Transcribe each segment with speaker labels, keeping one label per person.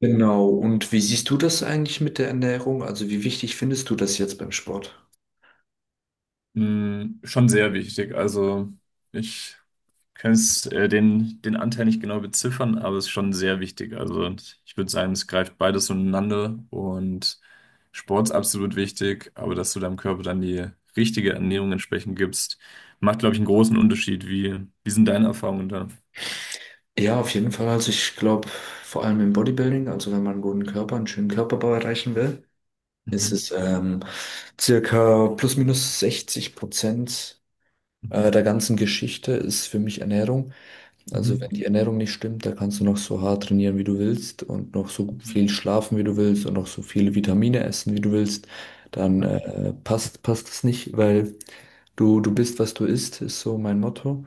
Speaker 1: Genau. Und wie siehst du das eigentlich mit der Ernährung? Also wie wichtig findest du das jetzt beim Sport?
Speaker 2: Schon sehr wichtig. Also ich kann es den Anteil nicht genau beziffern, aber es ist schon sehr wichtig. Also ich würde sagen, es greift beides ineinander und Sport ist absolut wichtig, aber dass du deinem Körper dann die richtige Ernährung entsprechend gibst, macht, glaube ich, einen großen Unterschied. Wie sind deine Erfahrungen da?
Speaker 1: Ja, auf jeden Fall. Also ich glaube, vor allem im Bodybuilding, also wenn man einen guten Körper, einen schönen Körperbau erreichen will, ist
Speaker 2: Mhm.
Speaker 1: es circa plus minus 60%
Speaker 2: Mhm.
Speaker 1: der ganzen Geschichte ist für mich Ernährung. Also wenn
Speaker 2: Mhm.
Speaker 1: die Ernährung nicht stimmt, da kannst du noch so hart trainieren, wie du willst und noch so
Speaker 2: Mhm.
Speaker 1: viel schlafen, wie du willst und noch so viele Vitamine essen, wie du willst. Dann passt es nicht, weil du bist, was du isst, ist so mein Motto.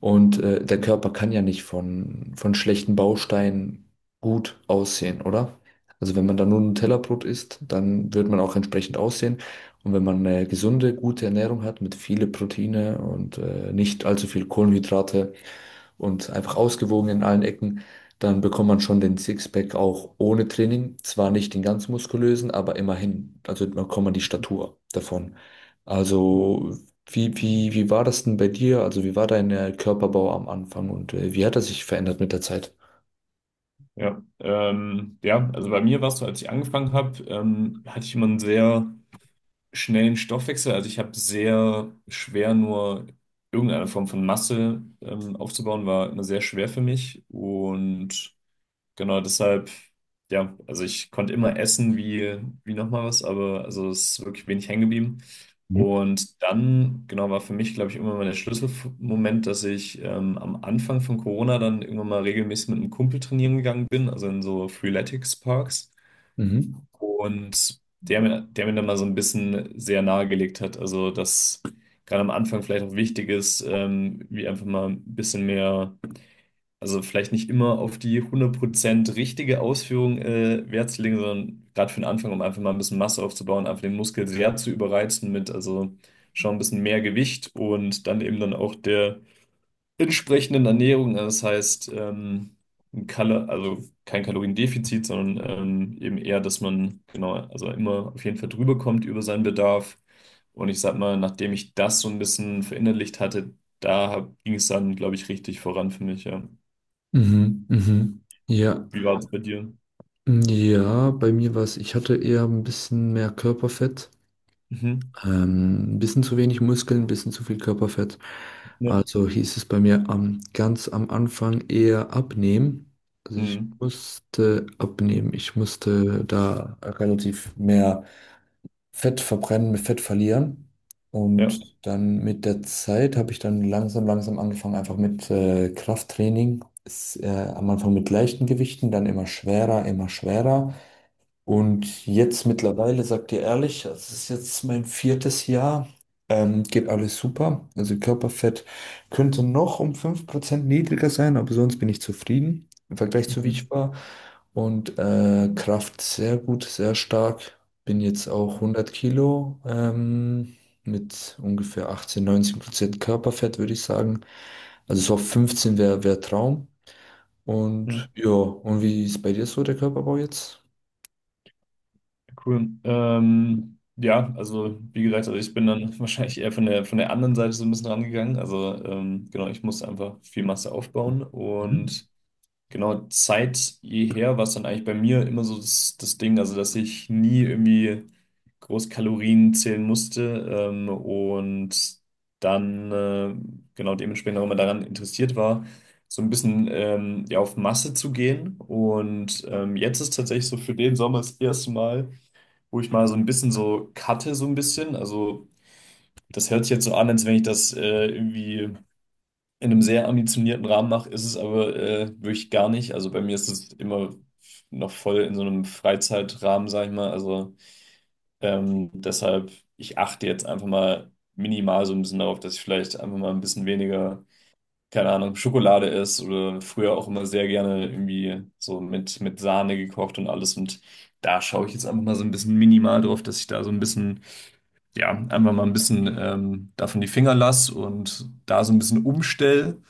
Speaker 1: Und der Körper kann ja nicht von schlechten Bausteinen gut aussehen, oder? Also wenn man da nur Nutella-Brot isst, dann wird man auch entsprechend aussehen. Und wenn man eine gesunde, gute Ernährung hat mit viele Proteine und nicht allzu viel Kohlenhydrate und einfach ausgewogen in allen Ecken, dann bekommt man schon den Sixpack auch ohne Training. Zwar nicht den ganz muskulösen, aber immerhin. Also man bekommt man die Statur davon. Also wie war das denn bei dir? Also wie war dein Körperbau am Anfang und wie hat er sich verändert mit der Zeit?
Speaker 2: Ja, ja, also bei mir war es so, als ich angefangen habe, hatte ich immer einen sehr schnellen Stoffwechsel. Also ich habe sehr schwer nur irgendeine Form von Masse aufzubauen, war immer sehr schwer für mich. Und genau deshalb, ja, also ich konnte immer essen wie nochmal was, aber also es ist wirklich wenig hängen geblieben.
Speaker 1: Mhm.
Speaker 2: Und dann, genau, war für mich, glaube ich, irgendwann mal der Schlüsselmoment, dass ich am Anfang von Corona dann irgendwann mal regelmäßig mit einem Kumpel trainieren gegangen bin, also in so Freeletics-Parks.
Speaker 1: Mhm.
Speaker 2: Und der mir dann mal so ein bisschen sehr nahegelegt hat, also dass gerade am Anfang vielleicht auch wichtig ist, wie einfach mal ein bisschen mehr, also vielleicht nicht immer auf die 100% richtige Ausführung Wert zu legen, sondern gerade für den Anfang, um einfach mal ein bisschen Masse aufzubauen, einfach den Muskel sehr zu überreizen mit, also schon ein bisschen mehr Gewicht und dann eben dann auch der entsprechenden Ernährung. Also, das heißt, ein Kal also kein Kaloriendefizit, sondern eben eher, dass man genau, also immer auf jeden Fall drüber kommt über seinen Bedarf. Und ich sag mal, nachdem ich das so ein bisschen verinnerlicht hatte, da ging es dann, glaube ich, richtig voran für mich, ja.
Speaker 1: Mhm. Mhm. Ja.
Speaker 2: Wie war es bei dir?
Speaker 1: Ja, bei mir war es, ich hatte eher ein bisschen mehr Körperfett.
Speaker 2: Mhm.
Speaker 1: Ein bisschen zu wenig Muskeln, ein bisschen zu viel Körperfett.
Speaker 2: Ja.
Speaker 1: Also hieß es bei mir ganz am Anfang eher abnehmen. Also ich
Speaker 2: Mhm.
Speaker 1: musste abnehmen. Ich musste da relativ mehr Fett verbrennen, mit Fett verlieren.
Speaker 2: Ja.
Speaker 1: Und dann mit der Zeit habe ich dann langsam, langsam angefangen, einfach mit Krafttraining. Ist, am Anfang mit leichten Gewichten, dann immer schwerer, immer schwerer. Und jetzt mittlerweile, sag dir ehrlich, das ist jetzt mein viertes Jahr, geht alles super. Also Körperfett könnte noch um 5% niedriger sein, aber sonst bin ich zufrieden im Vergleich zu wie ich
Speaker 2: Mhm.
Speaker 1: war. Und Kraft sehr gut, sehr stark. Bin jetzt auch 100 Kilo mit ungefähr 18-19% Körperfett, würde ich sagen. Also so auf 15 wär Traum. Und
Speaker 2: Mhm.
Speaker 1: ja, und wie ist bei dir so der Körperbau jetzt?
Speaker 2: Cool. Ja, also wie gesagt, also ich bin dann wahrscheinlich eher von der anderen Seite so ein bisschen rangegangen. Also genau, ich musste einfach viel Masse aufbauen
Speaker 1: Mhm.
Speaker 2: und genau seit jeher war es dann eigentlich bei mir immer so das Ding, also dass ich nie irgendwie groß Kalorien zählen musste, und dann genau dementsprechend auch immer daran interessiert war so ein bisschen ja, auf Masse zu gehen. Und jetzt ist tatsächlich so für den Sommer das erste Mal, wo ich mal so ein bisschen so cutte, so ein bisschen. Also das hört sich jetzt so an, als wenn ich das irgendwie in einem sehr ambitionierten Rahmen mache, ist es aber wirklich gar nicht. Also bei mir ist es immer noch voll in so einem Freizeitrahmen, sag ich mal. Also deshalb, ich achte jetzt einfach mal minimal so ein bisschen darauf, dass ich vielleicht einfach mal ein bisschen weniger, keine Ahnung, Schokolade esse oder früher auch immer sehr gerne irgendwie so mit Sahne gekocht und alles. Und da schaue ich jetzt einfach mal so ein bisschen minimal drauf, dass ich da so ein bisschen ja, einfach mal ein bisschen davon die Finger lass und da so ein bisschen umstell.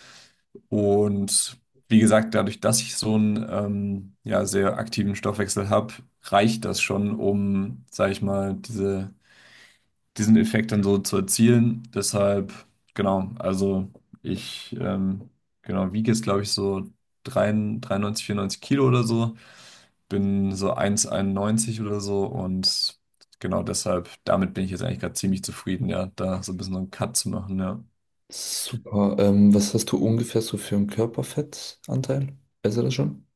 Speaker 2: Und wie gesagt, dadurch, dass ich so einen ja, sehr aktiven Stoffwechsel habe, reicht das schon, um, sage ich mal, diesen Effekt dann so zu erzielen. Deshalb, genau, also ich genau, wiege jetzt, glaube ich, so 93, 94 Kilo oder so, bin so 1,91 oder so und genau deshalb, damit bin ich jetzt eigentlich gerade ziemlich zufrieden, ja, da so ein bisschen so einen Cut zu machen, ja.
Speaker 1: Super. Was hast du ungefähr so für einen Körperfettanteil? Weißt du das schon?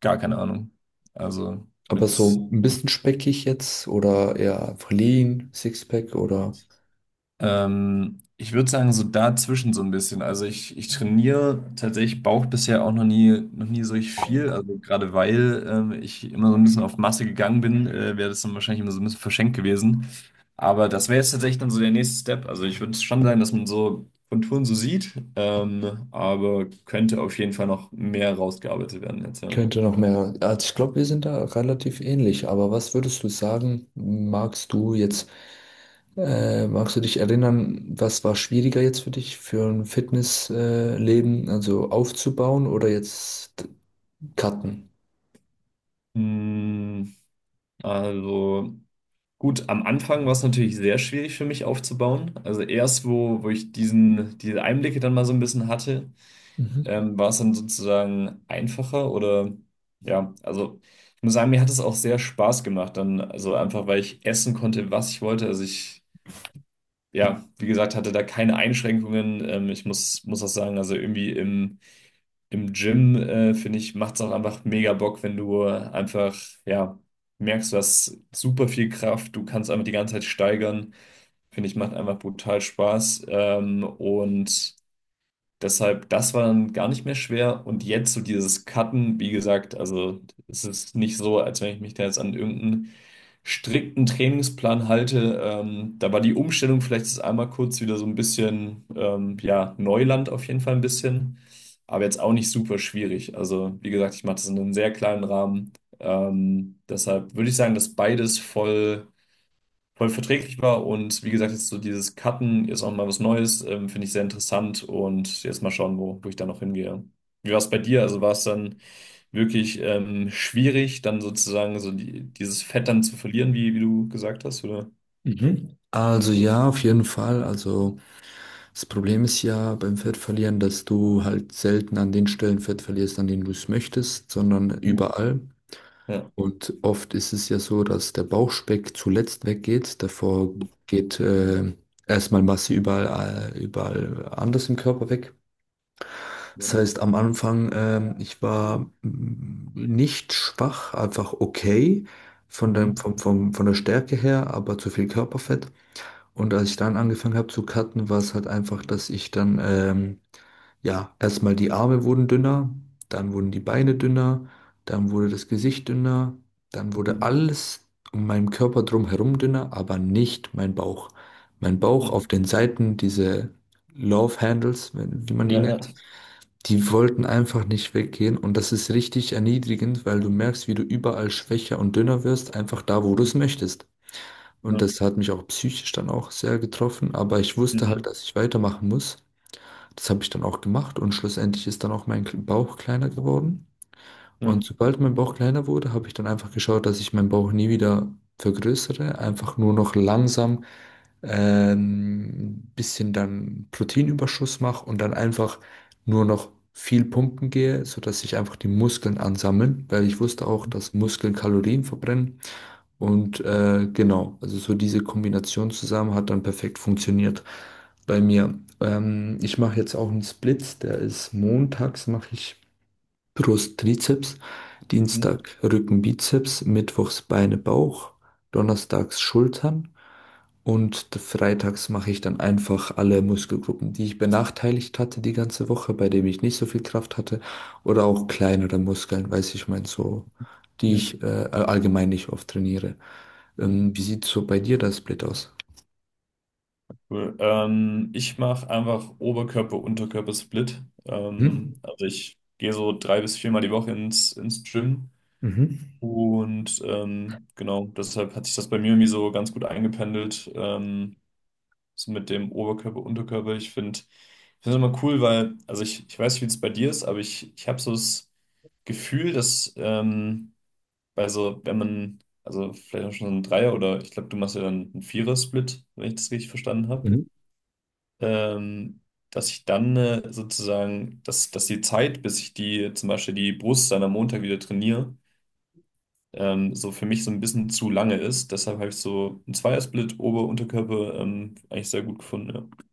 Speaker 2: Gar keine Ahnung. Also
Speaker 1: Aber
Speaker 2: mit.
Speaker 1: so ein bisschen speckig jetzt oder eher einfach lean, Sixpack oder
Speaker 2: Ich würde sagen, so dazwischen so ein bisschen. Also ich trainiere tatsächlich Bauch bisher auch noch nie so richtig viel. Also gerade weil ich immer so ein bisschen auf Masse gegangen bin, wäre das dann wahrscheinlich immer so ein bisschen verschenkt gewesen. Aber das wäre jetzt tatsächlich dann so der nächste Step. Also ich würde schon sagen, dass man so Konturen so sieht, aber könnte auf jeden Fall noch mehr rausgearbeitet werden jetzt, ja.
Speaker 1: könnte noch mehr. Also ich glaube, wir sind da relativ ähnlich. Aber was würdest du sagen, magst du jetzt, magst du dich erinnern, was war schwieriger jetzt für dich für ein Fitnessleben, Leben? Also aufzubauen oder jetzt cutten?
Speaker 2: Mm, Also. Gut, am Anfang war es natürlich sehr schwierig für mich aufzubauen. Also erst, wo ich diese Einblicke dann mal so ein bisschen hatte,
Speaker 1: Mhm.
Speaker 2: war es dann sozusagen einfacher oder ja, also ich muss sagen, mir hat es auch sehr Spaß gemacht dann, also einfach, weil ich essen konnte, was ich wollte. Also ich, ja, wie gesagt, hatte da keine Einschränkungen. Ich muss auch sagen, also irgendwie im Gym, finde ich, macht es auch einfach mega Bock, wenn du einfach, ja, merkst, du hast super viel Kraft, du kannst einfach die ganze Zeit steigern. Finde ich, macht einfach brutal Spaß. Und deshalb, das war dann gar nicht mehr schwer. Und jetzt so dieses Cutten, wie gesagt, also es ist nicht so, als wenn ich mich da jetzt an irgendeinen strikten Trainingsplan halte. Da war die Umstellung vielleicht jetzt einmal kurz wieder so ein bisschen, ja, Neuland auf jeden Fall ein bisschen. Aber jetzt auch nicht super schwierig. Also, wie gesagt, ich mache das in einem sehr kleinen Rahmen. Deshalb würde ich sagen, dass beides voll voll verträglich war. Und wie gesagt, jetzt so dieses Cutten, jetzt auch mal was Neues, finde ich sehr interessant. Und jetzt mal schauen, wo ich da noch hingehe. Wie war es bei dir? Also war es dann wirklich schwierig, dann sozusagen so dieses Fett dann zu verlieren, wie du gesagt hast, oder?
Speaker 1: Mhm. Also ja, auf jeden Fall. Also das Problem ist ja beim Fettverlieren, dass du halt selten an den Stellen Fett verlierst, an denen du es möchtest, sondern
Speaker 2: Mhm.
Speaker 1: überall.
Speaker 2: Ja.
Speaker 1: Und oft ist es ja so, dass der Bauchspeck zuletzt weggeht. Davor geht erstmal Masse überall, überall anders im Körper weg. Das
Speaker 2: Mhm.
Speaker 1: heißt, am Anfang, ich war nicht schwach, einfach okay von
Speaker 2: Mhm.
Speaker 1: von der Stärke her, aber zu viel Körperfett. Und als ich dann angefangen habe zu cutten, war es halt einfach, dass ich dann ja, erstmal die Arme wurden dünner, dann wurden die Beine dünner, dann wurde das Gesicht dünner, dann wurde alles um meinen Körper drumherum dünner, aber nicht mein Bauch. Mein Bauch auf
Speaker 2: Mhm.
Speaker 1: den Seiten, diese Love Handles, wie man die
Speaker 2: Ja, ja.
Speaker 1: nennt, die wollten einfach nicht weggehen und das ist richtig erniedrigend, weil du merkst, wie du überall schwächer und dünner wirst, einfach da, wo du es
Speaker 2: Mhm.
Speaker 1: möchtest. Und
Speaker 2: Ja.
Speaker 1: das hat mich auch psychisch dann auch sehr getroffen, aber ich wusste halt,
Speaker 2: Mhm.
Speaker 1: dass ich weitermachen muss. Das habe ich dann auch gemacht und schlussendlich ist dann auch mein Bauch kleiner geworden. Und
Speaker 2: Mhm.
Speaker 1: sobald mein Bauch kleiner wurde, habe ich dann einfach geschaut, dass ich meinen Bauch nie wieder vergrößere, einfach nur noch langsam bisschen dann Proteinüberschuss mache und dann einfach nur noch viel pumpen gehe, sodass sich einfach die Muskeln ansammeln, weil ich wusste auch,
Speaker 2: Ja.
Speaker 1: dass Muskeln Kalorien verbrennen und genau, also so diese Kombination zusammen hat dann perfekt funktioniert bei mir. Ich mache jetzt auch einen Split, der ist montags mache ich Brust, Trizeps,
Speaker 2: Mhm.
Speaker 1: Dienstag Rücken, Bizeps, mittwochs Beine, Bauch, donnerstags Schultern. Und freitags mache ich dann einfach alle Muskelgruppen, die ich benachteiligt hatte die ganze Woche, bei denen ich nicht so viel Kraft hatte, oder auch kleinere Muskeln, weiß ich mein, so, die
Speaker 2: Ja.
Speaker 1: ich allgemein nicht oft trainiere.
Speaker 2: Mhm.
Speaker 1: Wie sieht so bei dir das Split aus?
Speaker 2: Cool. Ich mache einfach Oberkörper-Unterkörper-Split.
Speaker 1: Mhm.
Speaker 2: Also ich gehe so drei bis viermal die Woche ins Gym.
Speaker 1: Mhm.
Speaker 2: Und genau, deshalb hat sich das bei mir irgendwie so ganz gut eingependelt, so mit dem Oberkörper-Unterkörper. Ich finde es immer cool, weil, also ich weiß nicht, wie es bei dir ist, aber ich habe so das Gefühl, dass bei so, wenn man, also vielleicht auch schon so ein Dreier oder ich glaube, du machst ja dann einen Vierer-Split, wenn ich das richtig verstanden habe,
Speaker 1: Mhm.
Speaker 2: ähm, dass ich dann sozusagen, dass die Zeit, bis ich die zum Beispiel die Brust dann am Montag wieder trainiere, so für mich so ein bisschen zu lange ist. Deshalb habe ich so einen Zweiersplit Ober-Unterkörper eigentlich sehr gut gefunden. Ja.